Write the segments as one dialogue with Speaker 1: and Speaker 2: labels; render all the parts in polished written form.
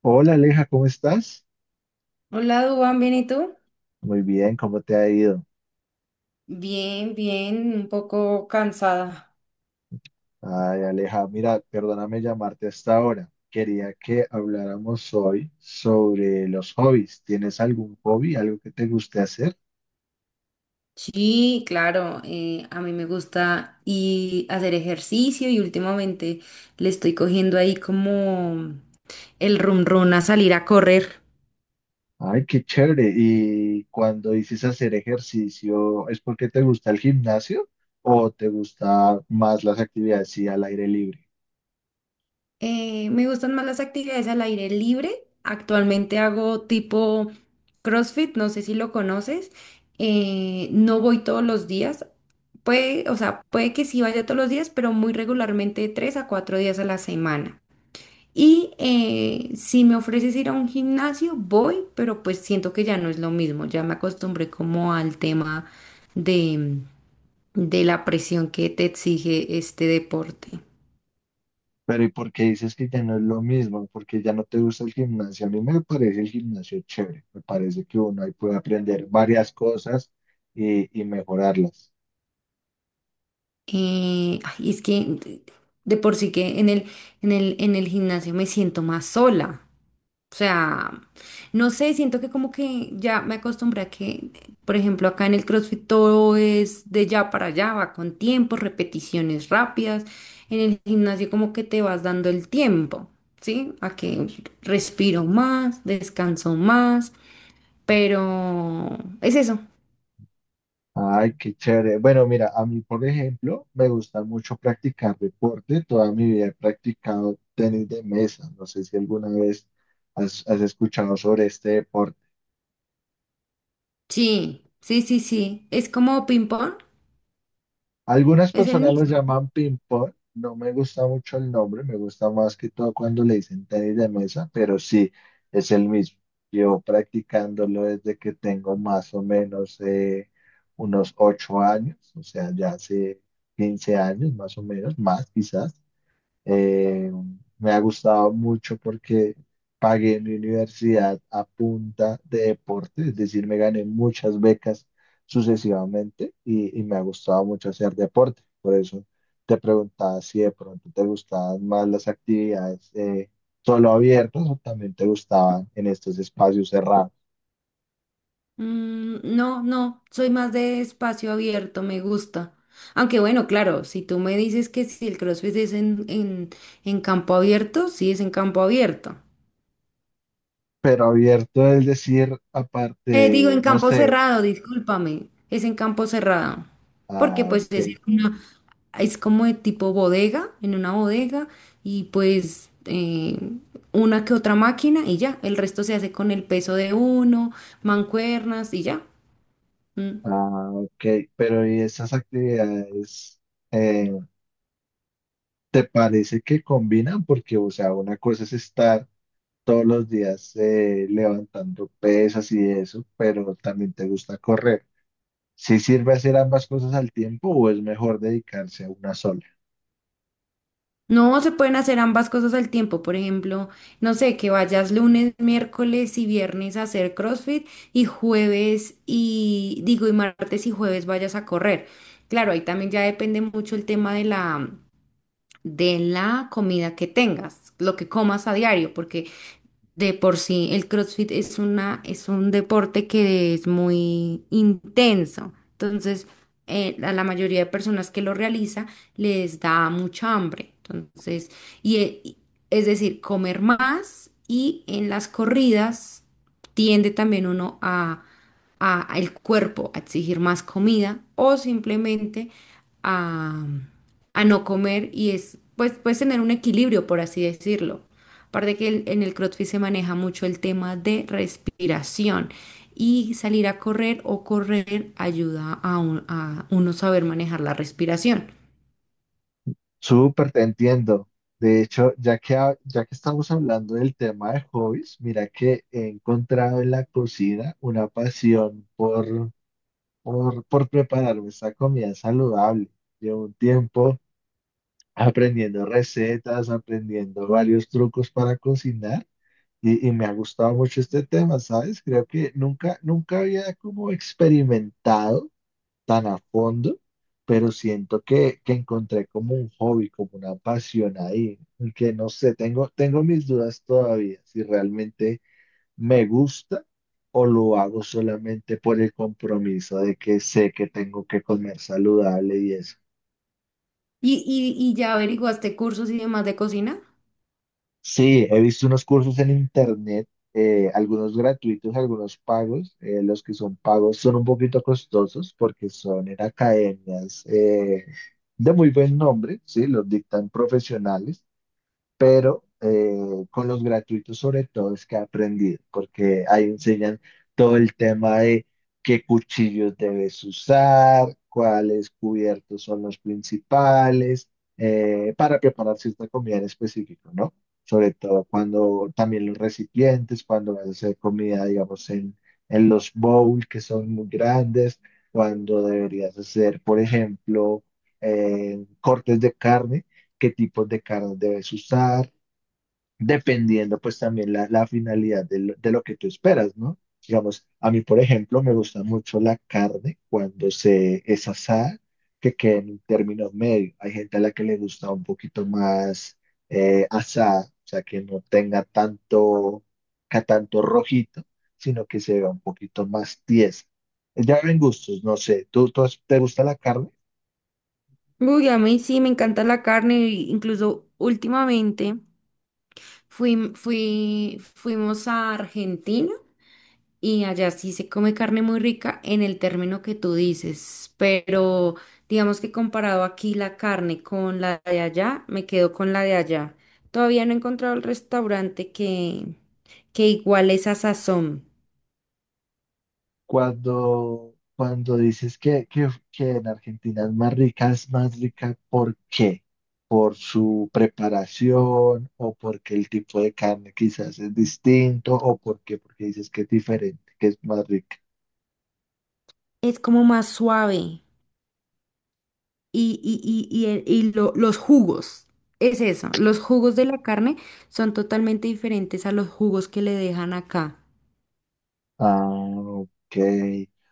Speaker 1: Hola Aleja, ¿cómo estás?
Speaker 2: Hola, Dubán, ¿bien y tú?
Speaker 1: Muy bien, ¿cómo te ha ido?
Speaker 2: Bien, bien, un poco cansada.
Speaker 1: Ay, Aleja, mira, perdóname llamarte hasta ahora. Quería que habláramos hoy sobre los hobbies. ¿Tienes algún hobby, algo que te guste hacer?
Speaker 2: Sí, claro, a mí me gusta y hacer ejercicio y últimamente le estoy cogiendo ahí como el run run a salir a correr.
Speaker 1: Ay, qué chévere. ¿Y cuando dices hacer ejercicio, es porque te gusta el gimnasio o te gusta más las actividades sí, al aire libre?
Speaker 2: Me gustan más las actividades al aire libre. Actualmente hago tipo CrossFit, no sé si lo conoces. No voy todos los días. Puede, o sea, puede que sí vaya todos los días, pero muy regularmente 3 a 4 días a la semana. Y si me ofreces ir a un gimnasio, voy, pero pues siento que ya no es lo mismo. Ya me acostumbré como al tema de, de la presión que te exige este deporte.
Speaker 1: Pero ¿y por qué dices que ya no es lo mismo? Porque ya no te gusta el gimnasio. A mí me parece el gimnasio chévere. Me parece que uno ahí puede aprender varias cosas y mejorarlas.
Speaker 2: Ay, es que de por sí que en el gimnasio me siento más sola. O sea, no sé, siento que como que ya me acostumbré a que, por ejemplo, acá en el CrossFit todo es de ya para allá, va con tiempo, repeticiones rápidas. En el gimnasio como que te vas dando el tiempo, ¿sí? A que respiro más, descanso más, pero es eso.
Speaker 1: Ay, qué chévere. Bueno, mira, a mí, por ejemplo, me gusta mucho practicar deporte. Toda mi vida he practicado tenis de mesa. No sé si alguna vez has escuchado sobre este deporte.
Speaker 2: Sí, sí, sí, sí. Es como ping-pong,
Speaker 1: Algunas
Speaker 2: es el
Speaker 1: personas lo
Speaker 2: mismo.
Speaker 1: llaman ping pong, no me gusta mucho el nombre, me gusta más que todo cuando le dicen tenis de mesa, pero sí, es el mismo. Llevo practicándolo desde que tengo más o menos unos 8 años, o sea, ya hace 15 años más o menos, más quizás. Eh, Me ha gustado mucho porque pagué mi universidad a punta de deporte, es decir, me gané muchas becas sucesivamente y me ha gustado mucho hacer deporte. Por eso te preguntaba si de pronto te gustaban más las actividades solo abiertas o también te gustaban en estos espacios cerrados.
Speaker 2: No, no, soy más de espacio abierto, me gusta. Aunque bueno, claro, si tú me dices que si el CrossFit es en campo abierto, sí es en campo abierto.
Speaker 1: Pero abierto es decir, aparte
Speaker 2: Digo,
Speaker 1: de,
Speaker 2: en
Speaker 1: no
Speaker 2: campo
Speaker 1: sé,
Speaker 2: cerrado, discúlpame, es en campo cerrado. Porque
Speaker 1: ah,
Speaker 2: pues es
Speaker 1: ok,
Speaker 2: una, es como de tipo bodega, en una bodega, y pues una que otra máquina y ya, el resto se hace con el peso de uno, mancuernas y ya. Mm.
Speaker 1: ah, ok, pero y esas actividades eh, ¿te parece que combinan? Porque, o sea, una cosa es estar todos los días levantando pesas y eso, pero también te gusta correr. ¿Sí sirve hacer ambas cosas al tiempo o es mejor dedicarse a una sola?
Speaker 2: No se pueden hacer ambas cosas al tiempo. Por ejemplo, no sé, que vayas lunes, miércoles y viernes a hacer CrossFit y jueves y digo, y martes y jueves vayas a correr. Claro, ahí también ya depende mucho el tema de la comida que tengas, lo que comas a diario, porque de por sí, el CrossFit es una, es un deporte que es muy intenso. Entonces, a la mayoría de personas que lo realiza les da mucha hambre. Entonces, y, es decir, comer más y en las corridas tiende también uno a al cuerpo a exigir más comida o simplemente a, a no comer y es, pues, puedes tener un equilibrio, por así decirlo. Aparte que en el CrossFit se maneja mucho el tema de respiración y salir a correr o correr ayuda a uno saber manejar la respiración.
Speaker 1: Súper, te entiendo. De hecho, ya que estamos hablando del tema de hobbies, mira que he encontrado en la cocina una pasión por prepararme esta comida saludable. Llevo un tiempo aprendiendo recetas, aprendiendo varios trucos para cocinar y me ha gustado mucho este tema, ¿sabes? Creo que nunca, nunca había como experimentado tan a fondo, pero siento que encontré como un hobby, como una pasión ahí, y que no sé, tengo, tengo mis dudas todavía si realmente me gusta, o lo hago solamente por el compromiso de que sé que tengo que comer saludable y eso.
Speaker 2: ¿Y ya averiguaste cursos y demás de cocina?
Speaker 1: Sí, he visto unos cursos en internet, algunos gratuitos, algunos pagos. Los que son pagos son un poquito costosos porque son en academias de muy buen nombre, sí, los dictan profesionales pero con los gratuitos sobre todo es que he aprendido, porque ahí enseñan todo el tema de qué cuchillos debes usar, cuáles cubiertos son los principales, para preparar cierta comida en específico, ¿no? Sobre todo cuando también los recipientes, cuando vas a hacer comida, digamos, en los bowls que son muy grandes, cuando deberías hacer, por ejemplo, cortes de carne, qué tipos de cartas debes usar, dependiendo pues también la finalidad de de lo que tú esperas, ¿no? Digamos, a mí, por ejemplo, me gusta mucho la carne cuando se es asada, que quede en términos medios. Hay gente a la que le gusta un poquito más asada, o sea, que no tenga tanto, tanto rojito, sino que se vea un poquito más tiesa. Ya ven gustos, no sé, te gusta la carne?
Speaker 2: Uy, a mí sí, me encanta la carne, incluso últimamente. Fuimos a Argentina y allá sí se come carne muy rica en el término que tú dices, pero digamos que comparado aquí la carne con la de allá, me quedo con la de allá. Todavía no he encontrado el restaurante que igual esa sazón.
Speaker 1: Cuando, cuando dices que en Argentina es más rica, ¿por qué? ¿Por su preparación o porque el tipo de carne quizás es distinto o por qué? Porque dices que es diferente, que es más rica.
Speaker 2: Es como más suave y los jugos. Es eso, los jugos de la carne son totalmente diferentes a los jugos que le dejan acá.
Speaker 1: Ah, ok.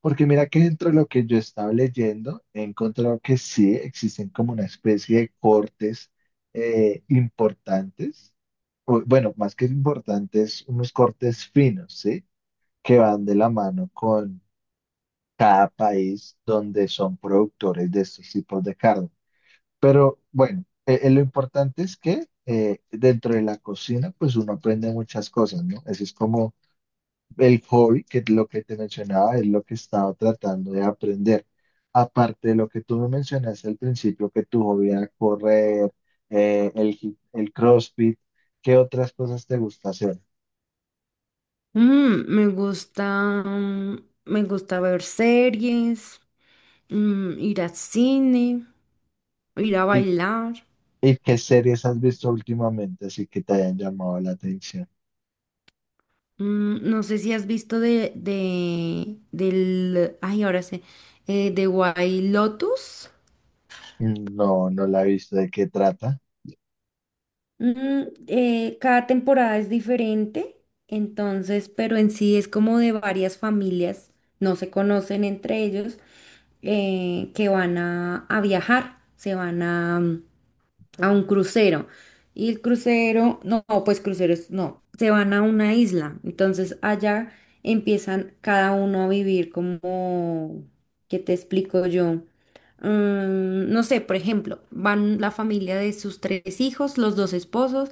Speaker 1: Porque mira que dentro de lo que yo estaba leyendo, he encontrado que sí existen como una especie de cortes importantes, o, bueno, más que importantes, unos cortes finos, ¿sí? Que van de la mano con cada país donde son productores de estos tipos de carne. Bueno, lo importante es que dentro de la cocina, pues uno aprende muchas cosas, ¿no? Ese es como el hobby, que es lo que te mencionaba, es lo que estaba tratando de aprender. Aparte de lo que tú me mencionaste al principio, que tu hobby era correr, el CrossFit, ¿qué otras cosas te gusta hacer?
Speaker 2: Me gusta, me gusta ver series, ir al cine, ir a
Speaker 1: ¿Y,
Speaker 2: bailar.
Speaker 1: y qué series has visto últimamente así que te hayan llamado la atención?
Speaker 2: No sé si has visto del, ay, ahora sé, de White Lotus.
Speaker 1: No, no la he visto. ¿De qué trata?
Speaker 2: Cada temporada es diferente, entonces, pero en sí es como de varias familias, no se conocen entre ellos, que van a viajar, se van a un crucero. Y el crucero, no, pues cruceros, no, se van a una isla. Entonces allá empiezan cada uno a vivir como, ¿qué te explico yo? No sé, por ejemplo, van la familia de sus tres hijos, los dos esposos,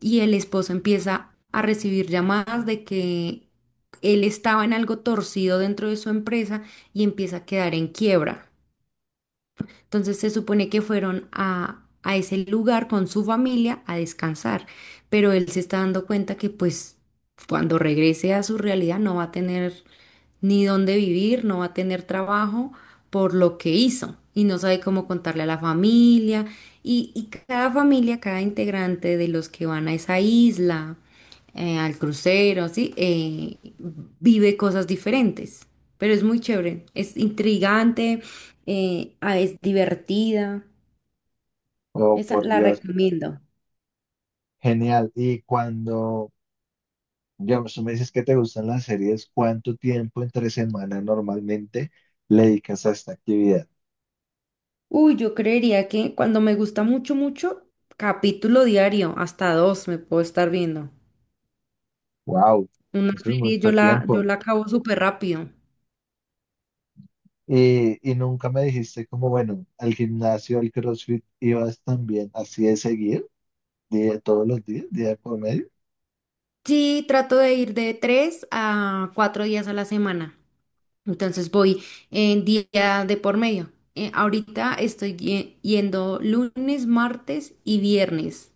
Speaker 2: y el esposo empieza a recibir llamadas de que él estaba en algo torcido dentro de su empresa y empieza a quedar en quiebra. Entonces se supone que fueron a ese lugar con su familia a descansar, pero él se está dando cuenta que pues cuando regrese a su realidad no va a tener ni dónde vivir, no va a tener trabajo por lo que hizo y no sabe cómo contarle a la familia y cada familia, cada integrante de los que van a esa isla al crucero, así, vive cosas diferentes. Pero es muy chévere, es intrigante, ah, es divertida.
Speaker 1: Oh,
Speaker 2: Esa
Speaker 1: por
Speaker 2: la
Speaker 1: Dios.
Speaker 2: recomiendo.
Speaker 1: Genial. Y cuando, digamos, tú me dices que te gustan las series, ¿cuánto tiempo entre semana normalmente le dedicas a esta actividad?
Speaker 2: Uy, yo creería que cuando me gusta mucho, mucho, capítulo diario, hasta dos me puedo estar viendo.
Speaker 1: Wow,
Speaker 2: Una
Speaker 1: eso es
Speaker 2: serie
Speaker 1: mucho
Speaker 2: yo
Speaker 1: tiempo.
Speaker 2: la acabo súper rápido.
Speaker 1: Y nunca me dijiste como, bueno, al gimnasio, al CrossFit, ibas también así de seguir, día, todos los días, día por medio.
Speaker 2: Sí, trato de ir de 3 a 4 días a la semana. Entonces voy en día de por medio. Ahorita estoy yendo lunes, martes y viernes.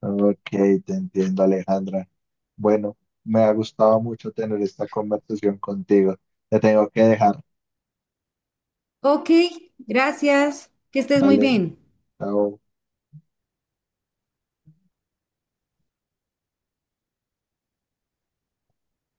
Speaker 1: Ok, te entiendo, Alejandra. Bueno, me ha gustado mucho tener esta conversación contigo. Te tengo que dejar.
Speaker 2: Ok, gracias. Que estés muy
Speaker 1: Vale,
Speaker 2: bien.
Speaker 1: chao.